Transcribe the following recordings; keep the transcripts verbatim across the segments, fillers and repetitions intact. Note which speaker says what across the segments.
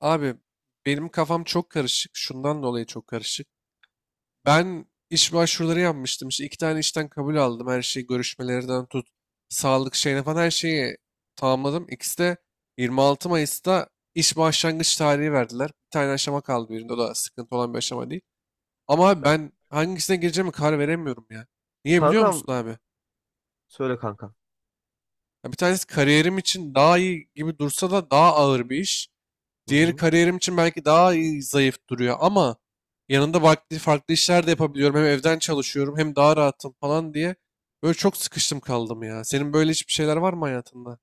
Speaker 1: Abi benim kafam çok karışık. Şundan dolayı çok karışık. Ben iş başvuruları yapmıştım. İşte iki tane işten kabul aldım. Her şeyi görüşmelerden tut. Sağlık şeyine falan her şeyi tamamladım. İkisi de 26 Mayıs'ta iş başlangıç tarihi verdiler. Bir tane aşama kaldı birinde. O da sıkıntı olan bir aşama değil. Ama abi
Speaker 2: Evet.
Speaker 1: ben hangisine gireceğimi karar veremiyorum ya. Niye biliyor
Speaker 2: Kankam,
Speaker 1: musun abi?
Speaker 2: söyle kankam.
Speaker 1: Ya bir tanesi kariyerim için daha iyi gibi dursa da daha ağır bir iş.
Speaker 2: Hı
Speaker 1: Diğeri
Speaker 2: hı.
Speaker 1: kariyerim için belki daha iyi, zayıf duruyor ama yanında farklı, farklı işler de yapabiliyorum. Hem evden çalışıyorum hem daha rahatım falan diye. Böyle çok sıkıştım kaldım ya. Senin böyle hiçbir şeyler var mı hayatında?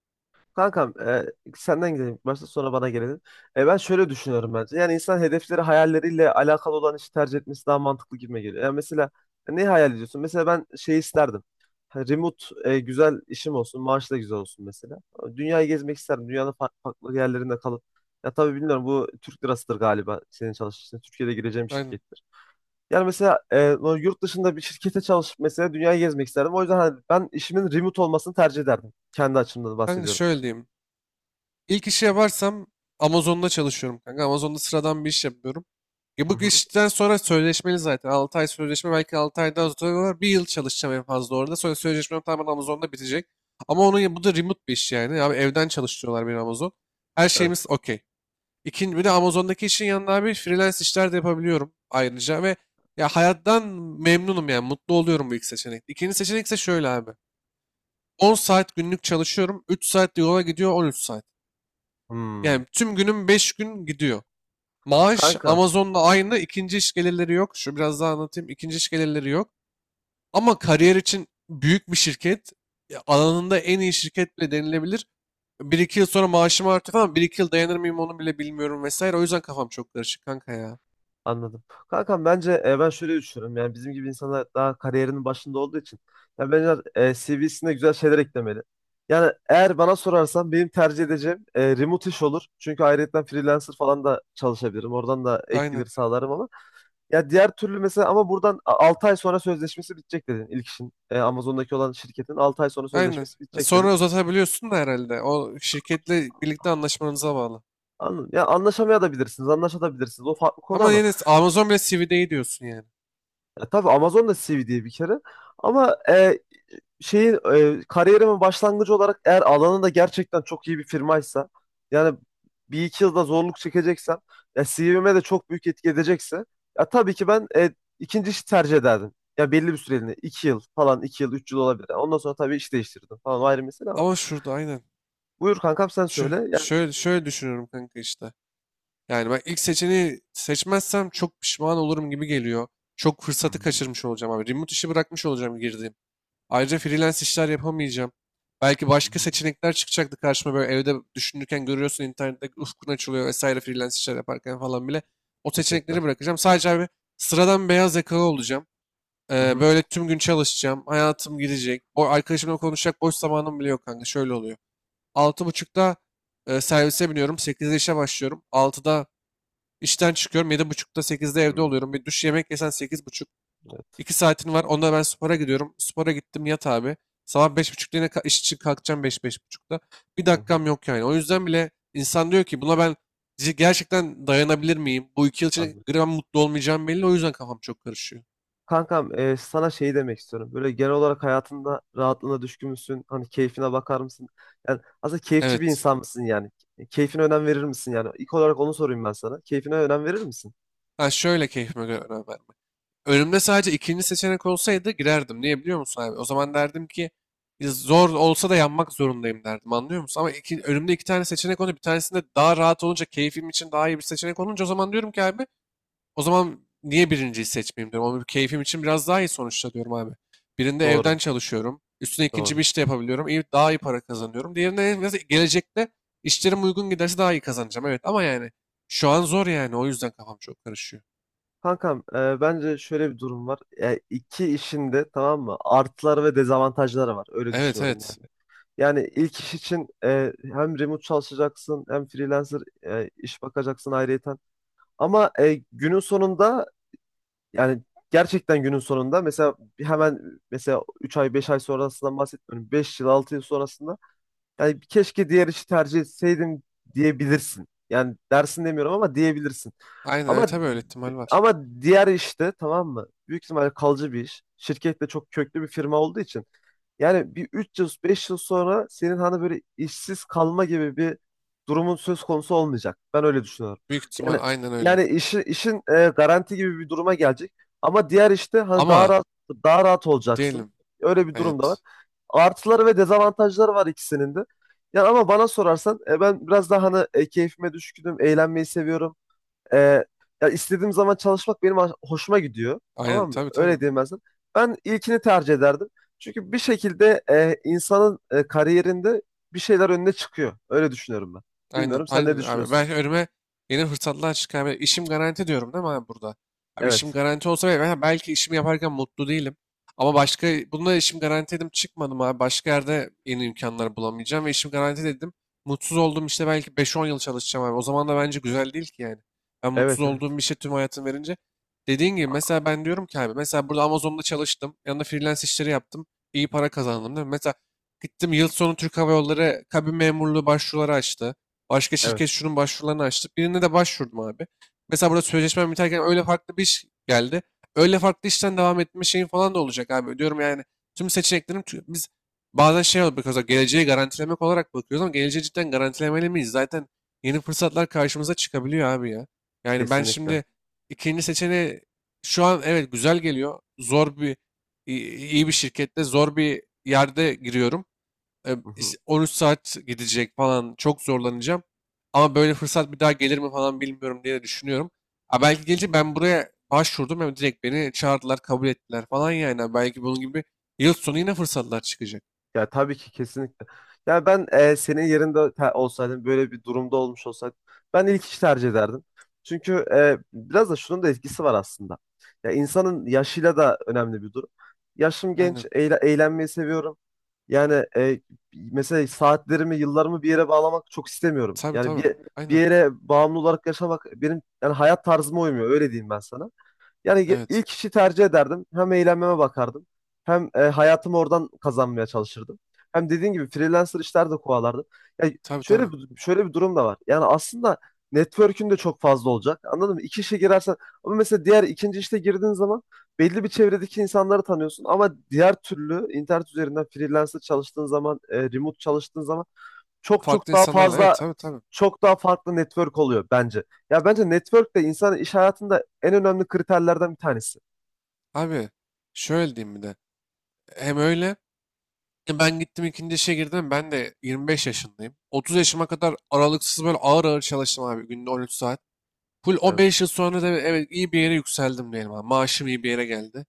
Speaker 2: Kankam, e, senden gidelim. Başta sonra bana gelelim. E, ben şöyle düşünüyorum bence. Yani insan hedefleri hayalleriyle alakalı olan işi tercih etmesi daha mantıklı gibime geliyor. Yani mesela ne hayal ediyorsun? Mesela ben şey isterdim. Ha, remote e, güzel işim olsun. Maaş da güzel olsun mesela. Dünyayı gezmek isterdim. Dünyanın farklı, farklı yerlerinde kalıp. Ya tabii bilmiyorum, bu Türk lirasıdır galiba senin çalıştığın. Türkiye'de gireceğim bir
Speaker 1: Aynen.
Speaker 2: şirket. Yani mesela e, o yurt dışında bir şirkete çalışıp mesela dünyayı gezmek isterdim. O yüzden hani ben işimin remote olmasını tercih ederdim. Kendi açımdan
Speaker 1: Kanka
Speaker 2: bahsediyorum.
Speaker 1: şöyle diyeyim. İlk işi yaparsam Amazon'da çalışıyorum kanka. Amazon'da sıradan bir iş yapıyorum. E
Speaker 2: Hı
Speaker 1: bu
Speaker 2: hı.
Speaker 1: işten sonra sözleşmeli zaten. altı ay sözleşme, belki altı aydan sonra bir yıl çalışacağım en fazla orada. Sonra sözleşmem tamamen Amazon'da bitecek. Ama onun bu da remote bir iş yani. Abi evden çalıştırıyorlar beni Amazon. Her şeyimiz
Speaker 2: Evet.
Speaker 1: okey. İkinci, bir de Amazon'daki işin yanında abi freelance işler de yapabiliyorum ayrıca ve ya hayattan memnunum yani mutlu oluyorum bu ilk seçenek. İkinci seçenek ise şöyle abi. on saat günlük çalışıyorum. üç saat de yola gidiyor, on üç saat.
Speaker 2: Hmm.
Speaker 1: Yani tüm günüm beş gün gidiyor. Maaş
Speaker 2: Kanka,
Speaker 1: Amazon'la aynı. İkinci iş gelirleri yok. Şu biraz daha anlatayım. İkinci iş gelirleri yok. Ama kariyer için büyük bir şirket, ya alanında en iyi şirket bile denilebilir. Bir iki yıl sonra maaşım artıyor falan. Bir iki yıl dayanır mıyım onu bile bilmiyorum vesaire. O yüzden kafam çok karışık kanka ya.
Speaker 2: anladım. Kankam, bence e, ben şöyle düşünüyorum. Yani bizim gibi insanlar daha kariyerinin başında olduğu için yani bence e, C V'sine güzel şeyler eklemeli. Yani eğer bana sorarsan benim tercih edeceğim e, remote iş olur. Çünkü ayrıyetten freelancer falan da çalışabilirim. Oradan da ek
Speaker 1: Aynen.
Speaker 2: gelir sağlarım ama ya diğer türlü mesela, ama buradan altı ay sonra sözleşmesi bitecek dedin ilk işin. E, Amazon'daki olan şirketin altı ay sonra
Speaker 1: Aynen.
Speaker 2: sözleşmesi
Speaker 1: E,
Speaker 2: bitecek dedin.
Speaker 1: Sonra uzatabiliyorsun da herhalde. O şirketle birlikte anlaşmanıza bağlı.
Speaker 2: Anladım. Ya anlaşamaya da bilirsiniz, anlaşabilirsiniz. O farklı konu
Speaker 1: Ama
Speaker 2: ama.
Speaker 1: yine Amazon bile C V'de iyi diyorsun yani.
Speaker 2: Ya tabii, Amazon da C V diye bir kere. Ama e, şeyi e, kariyerimin başlangıcı olarak eğer alanında gerçekten çok iyi bir firmaysa, yani bir iki yılda zorluk çekeceksem, ya C V'me de çok büyük etki edecekse ya tabii ki ben e, ikinci işi tercih ederdim. Ya belli bir süreliğine iki yıl falan, iki yıl üç yıl olabilir. Yani ondan sonra tabii iş değiştirdim falan, o ayrı mesele ama.
Speaker 1: Ama şurada aynen.
Speaker 2: Buyur kankam, sen
Speaker 1: Şu
Speaker 2: söyle. Yani...
Speaker 1: şöyle şöyle düşünüyorum kanka işte. Yani ben ilk seçeneği seçmezsem çok pişman olurum gibi geliyor. Çok
Speaker 2: Hı
Speaker 1: fırsatı
Speaker 2: hı,
Speaker 1: kaçırmış olacağım abi. Remote işi bırakmış olacağım girdiğim. Ayrıca freelance işler yapamayacağım. Belki
Speaker 2: hı
Speaker 1: başka
Speaker 2: hı.
Speaker 1: seçenekler çıkacaktı karşıma, böyle evde düşünürken görüyorsun internette ufkun açılıyor vesaire freelance işler yaparken falan bile. O
Speaker 2: Kesinlikle.
Speaker 1: seçenekleri bırakacağım. Sadece abi sıradan beyaz yakalı olacağım.
Speaker 2: Hı
Speaker 1: Ee,
Speaker 2: hı,
Speaker 1: böyle tüm gün çalışacağım. Hayatım gidecek. O arkadaşımla konuşacak boş zamanım bile yok kanka. Şöyle oluyor. altı buçukta e, servise biniyorum. sekizde işe başlıyorum. Altıda işten çıkıyorum. Yedi buçukta, sekizde evde
Speaker 2: hı,
Speaker 1: oluyorum. Bir duş, yemek yesen sekiz buçuk.
Speaker 2: evet.
Speaker 1: İki saatin var. Onda ben spora gidiyorum. Spora gittim, yat abi. Sabah beş buçukta yine ka- iş için kalkacağım, beş, beş buçukta. Bir
Speaker 2: Hı hı,
Speaker 1: dakikam yok yani. O yüzden bile insan diyor ki buna ben c- gerçekten dayanabilir miyim? Bu iki yıl içinde
Speaker 2: anladım.
Speaker 1: gram mutlu olmayacağım belli. O yüzden kafam çok karışıyor.
Speaker 2: Kankam, e, sana şey demek istiyorum. Böyle genel olarak hayatında rahatlığına düşkün müsün? Hani keyfine bakar mısın? Yani aslında keyifçi bir
Speaker 1: Evet.
Speaker 2: insan mısın yani? E, Keyfine önem verir misin yani? İlk olarak onu sorayım ben sana. Keyfine önem verir misin?
Speaker 1: Ha şöyle, keyfime göre önem vermek. Önümde sadece ikinci seçenek olsaydı girerdim. Niye biliyor musun abi? O zaman derdim ki zor olsa da yanmak zorundayım derdim, anlıyor musun? Ama iki, önümde iki tane seçenek olunca, bir tanesinde daha rahat olunca, keyfim için daha iyi bir seçenek olunca o zaman diyorum ki abi, o zaman niye birinciyi seçmeyeyim diyorum. Ama bir keyfim için biraz daha iyi sonuçta diyorum abi. Birinde
Speaker 2: Doğru,
Speaker 1: evden çalışıyorum. Üstüne ikinci
Speaker 2: doğru.
Speaker 1: bir iş de yapabiliyorum. İyi, daha iyi para kazanıyorum. Diğerinde en gelecekte işlerim uygun giderse daha iyi kazanacağım. Evet ama yani şu an zor yani. O yüzden kafam çok karışıyor.
Speaker 2: Kankam, e, bence şöyle bir durum var. E, iki işin de tamam mı? Artıları ve dezavantajları var. Öyle
Speaker 1: Evet,
Speaker 2: düşünüyorum
Speaker 1: evet.
Speaker 2: yani. Yani ilk iş için e, hem remote çalışacaksın, hem freelancer e, iş bakacaksın ayrıyeten. Ama e, günün sonunda, yani gerçekten günün sonunda mesela bir- hemen, mesela üç ay beş ay sonrasından bahsetmiyorum. Beş yıl altı yıl sonrasında yani keşke diğer işi tercih etseydim diyebilirsin. Yani dersin demiyorum, ama diyebilirsin.
Speaker 1: Aynen
Speaker 2: Ama
Speaker 1: öyle,
Speaker 2: yani,
Speaker 1: tabii öyle ihtimal var.
Speaker 2: ama diğer işte tamam mı? Büyük ihtimalle kalıcı bir iş. Şirket de çok köklü bir firma olduğu için. Yani bir üç yıl beş yıl sonra senin hani böyle işsiz kalma gibi bir durumun söz konusu olmayacak. Ben öyle düşünüyorum.
Speaker 1: Büyük ihtimal
Speaker 2: Yani
Speaker 1: aynen öyle.
Speaker 2: yani işi, işin e, garanti gibi bir duruma gelecek. Ama diğer işte hani daha
Speaker 1: Ama
Speaker 2: rahat, daha rahat
Speaker 1: diyelim
Speaker 2: olacaksın. Öyle bir durum da var,
Speaker 1: evet.
Speaker 2: artıları ve dezavantajları var ikisinin de. Yani ama bana sorarsan e, ben biraz daha hani e, keyfime düşkünüm, eğlenmeyi seviyorum. E, Ya istediğim zaman çalışmak benim hoş- hoşuma gidiyor.
Speaker 1: Aynen,
Speaker 2: Tamam mı?
Speaker 1: tabii tabii.
Speaker 2: Öyle diyeyim ben sana. Ben ilkini tercih ederdim. Çünkü bir şekilde e, insanın e, kariyerinde bir şeyler önüne çıkıyor. Öyle düşünüyorum ben.
Speaker 1: Aynen.
Speaker 2: Bilmiyorum, sen ne
Speaker 1: Aynen abi.
Speaker 2: düşünüyorsun?
Speaker 1: Ben önüme Yeni fırsatlar çıkar. Ben, İşim garanti diyorum değil mi abi burada? Abi işim
Speaker 2: Evet.
Speaker 1: garanti olsa ve ben belki işimi yaparken mutlu değilim. Ama başka bunda işim garanti dedim, çıkmadım abi. Başka yerde yeni imkanlar bulamayacağım ve işim garanti dedim. Mutsuz olduğum işte belki beş on yıl çalışacağım abi. O zaman da bence güzel değil ki yani. Ben mutsuz
Speaker 2: Evet, evet.
Speaker 1: olduğum bir şey tüm hayatım verince. Dediğin gibi mesela ben diyorum ki abi, mesela burada Amazon'da çalıştım. Yanında freelance işleri yaptım. İyi para kazandım değil mi? Mesela gittim, yıl sonu Türk Hava Yolları kabin memurluğu başvuruları açtı. Başka şirket
Speaker 2: Evet,
Speaker 1: şunun başvurularını açtı. Birine de başvurdum abi. Mesela burada sözleşmem biterken öyle farklı bir iş geldi. Öyle farklı işten devam etme şeyin falan da olacak abi. Diyorum yani tüm seçeneklerim tü- biz bazen şey oluyor, mesela geleceği garantilemek olarak bakıyoruz ama geleceği cidden garantilemeli miyiz? Zaten yeni fırsatlar karşımıza çıkabiliyor abi ya. Yani ben
Speaker 2: kesinlikle.
Speaker 1: şimdi ikinci seçeneği, şu an evet, güzel geliyor. Zor bir iyi iyi bir şirkette zor bir yerde giriyorum, e,
Speaker 2: Hı hı,
Speaker 1: iş- on üç saat gidecek falan, çok zorlanacağım. Ama böyle fırsat bir daha gelir mi falan bilmiyorum diye de düşünüyorum. Ha belki
Speaker 2: hı
Speaker 1: gelince,
Speaker 2: hı.
Speaker 1: ben buraya başvurdum, hem direkt beni çağırdılar, kabul ettiler falan yani. Ha, belki bunun gibi yıl sonu yine fırsatlar çıkacak.
Speaker 2: Ya tabii ki, kesinlikle. Ya ben e, senin yerinde te- olsaydım, böyle bir durumda olmuş olsaydım ben ilk işi tercih ederdim. Çünkü e, biraz da şunun da etkisi var aslında. Ya insanın yaşıyla da önemli bir durum. Yaşım
Speaker 1: Aynen.
Speaker 2: genç, eğle- eğlenmeyi seviyorum. Yani e, mesela saatlerimi, yıllarımı bir yere bağlamak çok istemiyorum.
Speaker 1: Tabii
Speaker 2: Yani
Speaker 1: tabii.
Speaker 2: bir, bir
Speaker 1: Aynen.
Speaker 2: yere bağımlı olarak yaşamak benim yani hayat tarzıma uymuyor, öyle diyeyim ben sana. Yani ge-
Speaker 1: Evet.
Speaker 2: ilk işi tercih ederdim. Hem eğlenmeme bakardım. Hem e, hayatımı oradan kazanmaya çalışırdım. Hem dediğin gibi freelancer işler de kovalardım. Yani
Speaker 1: Tabii tabii.
Speaker 2: şöyle bir, şöyle bir durum da var. Yani aslında network'ün de çok fazla olacak. Anladın mı? İki işe girersen, ama mesela diğer ikinci işte girdiğin zaman belli bir çevredeki insanları tanıyorsun, ama diğer türlü internet üzerinden freelancer çalıştığın zaman, e, remote çalıştığın zaman çok
Speaker 1: Farklı
Speaker 2: çok daha
Speaker 1: insanlarla. Evet,
Speaker 2: fazla,
Speaker 1: tabii tabii.
Speaker 2: çok daha farklı network oluyor bence. Ya bence network de insanın iş hayatında en önemli kriterlerden bir tanesi.
Speaker 1: Abi şöyle diyeyim bir de. Hem öyle e, ben gittim, ikinci işe girdim. Ben de yirmi beş yaşındayım. otuz yaşıma kadar aralıksız böyle ağır ağır çalıştım abi. Günde on üç saat. Full o
Speaker 2: Evet.
Speaker 1: beş yıl sonra da evet iyi bir yere yükseldim diyelim abi. Maaşım iyi bir yere geldi.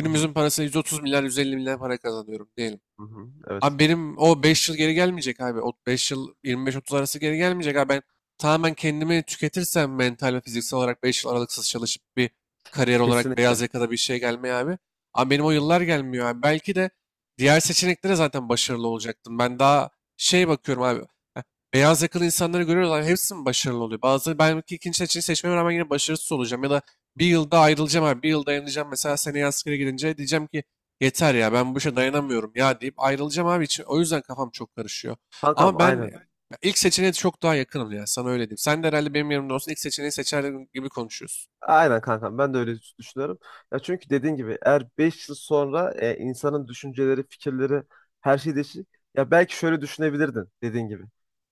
Speaker 2: Hı hı,
Speaker 1: parasıyla yüz otuz milyar, yüz elli milyar para kazanıyorum diyelim.
Speaker 2: hı hı, evet.
Speaker 1: Abi benim o beş yıl geri gelmeyecek abi. O beş yıl yirmi beş otuz arası geri gelmeyecek abi. Ben tamamen kendimi tüketirsem mental ve fiziksel olarak beş yıl aralıksız çalışıp bir kariyer olarak beyaz
Speaker 2: Kesinlikle.
Speaker 1: yakada bir şey gelmeye abi. Ama benim o
Speaker 2: Hı
Speaker 1: yıllar
Speaker 2: hı.
Speaker 1: gelmiyor abi. Belki de diğer seçeneklere zaten başarılı olacaktım. Ben daha şey bakıyorum abi. Heh, Beyaz yakalı insanları görüyoruz abi. Hepsi mi başarılı oluyor? Bazıları, ben belki ikinci seçeneği seçmeme rağmen yine başarısız olacağım. Ya da bir yılda ayrılacağım abi. Bir yıl dayanacağım. Mesela seneye askere gidince diyeceğim ki yeter ya, ben bu işe dayanamıyorum ya deyip ayrılacağım abi için. O yüzden kafam çok karışıyor.
Speaker 2: Kankam,
Speaker 1: Ama ben
Speaker 2: aynen.
Speaker 1: e, ilk seçeneğe çok daha yakınım ya, sana öyle diyeyim. Sen de herhalde benim yerimde olsun ilk seçeneği seçer gibi konuşuyorsun.
Speaker 2: Aynen kankam, ben de öyle düşünüyorum. Ya çünkü dediğin gibi, eğer beş yıl sonra e, insanın düşünceleri, fikirleri, her şey değişir. Ya belki şöyle düşünebilirdin dediğin gibi.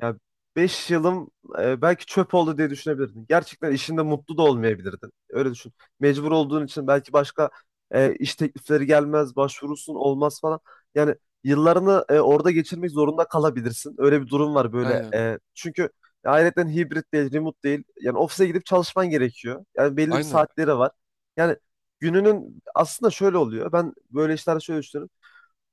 Speaker 2: Ya beş yılım e, belki çöp oldu diye düşünebilirdin. Gerçekten işinde mutlu da olmayabilirdin. Öyle düşün. Mecbur olduğun için belki başka e, iş teklifleri gelmez, başvurursun olmaz falan. Yani yıllarını e, orada geçirmek zorunda kalabilirsin. Öyle bir durum var böyle.
Speaker 1: Aynen.
Speaker 2: E, çünkü Ayrıca hibrit değil, remote değil. Yani ofise gidip çalışman gerekiyor. Yani belli bir
Speaker 1: Aynen.
Speaker 2: saatleri var. Yani gününün aslında şöyle oluyor. Ben böyle işlerde şöyle düşünüyorum.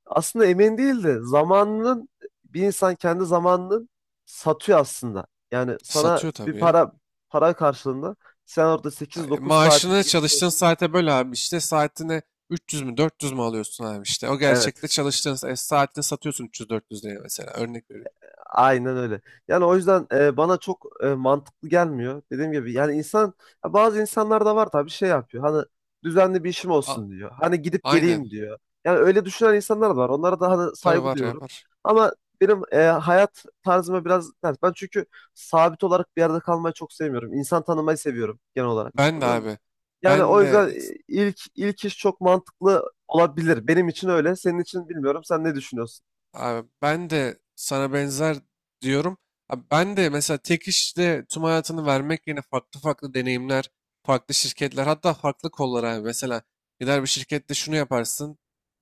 Speaker 2: Aslında emin değil de zamanının, bir insan kendi zamanını satıyor aslında. Yani sana
Speaker 1: Satıyor
Speaker 2: bir
Speaker 1: tabii ya.
Speaker 2: para para karşılığında sen orada sekiz
Speaker 1: Ay,
Speaker 2: dokuz
Speaker 1: maaşını
Speaker 2: saatini
Speaker 1: çalıştığın
Speaker 2: geçiriyorsun.
Speaker 1: saate böl abi, işte saatine üç yüz mü dört yüz mü alıyorsun abi işte. O gerçekte
Speaker 2: Evet.
Speaker 1: çalıştığın sa- e, saatini satıyorsun üç yüz dört yüz liraya, mesela örnek veriyorum.
Speaker 2: Aynen öyle. Yani o yüzden e, bana çok e, mantıklı gelmiyor. Dediğim gibi yani insan, ya bazı insanlar da var tabii şey yapıyor. Hani düzenli bir işim
Speaker 1: A-
Speaker 2: olsun diyor. Hani gidip
Speaker 1: Aynen.
Speaker 2: geleyim diyor. Yani öyle düşünen insanlar da var. Onlara da hani
Speaker 1: Tabii
Speaker 2: saygı
Speaker 1: var ya,
Speaker 2: duyuyorum.
Speaker 1: var.
Speaker 2: Ama benim e, hayat tarzıma biraz ters. Ben çünkü sabit olarak bir yerde kalmayı çok sevmiyorum. İnsan tanımayı seviyorum genel olarak.
Speaker 1: Ben de
Speaker 2: Anladın mı?
Speaker 1: abi.
Speaker 2: Yani
Speaker 1: Ben
Speaker 2: o yüzden
Speaker 1: de
Speaker 2: e, ilk ilk iş çok mantıklı olabilir. Benim için öyle. Senin için bilmiyorum. Sen ne düşünüyorsun?
Speaker 1: Abi ben de sana benzer diyorum. Abi ben de mesela tek işte tüm hayatını vermek yerine farklı farklı deneyimler, farklı şirketler, hatta farklı kollar abi. Mesela gider bir şirkette şunu yaparsın,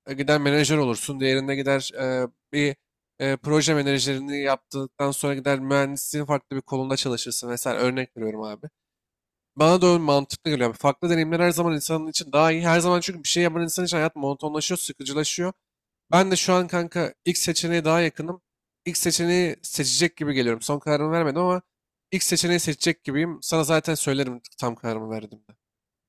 Speaker 1: e, gider menajer olursun, diğerinde gider e, bir e, proje menajerini yaptıktan sonra gider mühendisliğin farklı bir kolunda çalışırsın. Mesela örnek veriyorum abi. Bana da öyle mantıklı geliyor. Yani farklı deneyimler her zaman insanın için daha iyi. Her zaman çünkü bir şey yapan insan için hayat monotonlaşıyor, sıkıcılaşıyor. Ben de şu an kanka ilk seçeneğe daha yakınım. İlk seçeneği seçecek gibi geliyorum. Son kararımı vermedim ama ilk seçeneği seçecek gibiyim. Sana zaten söylerim tam kararımı verdim.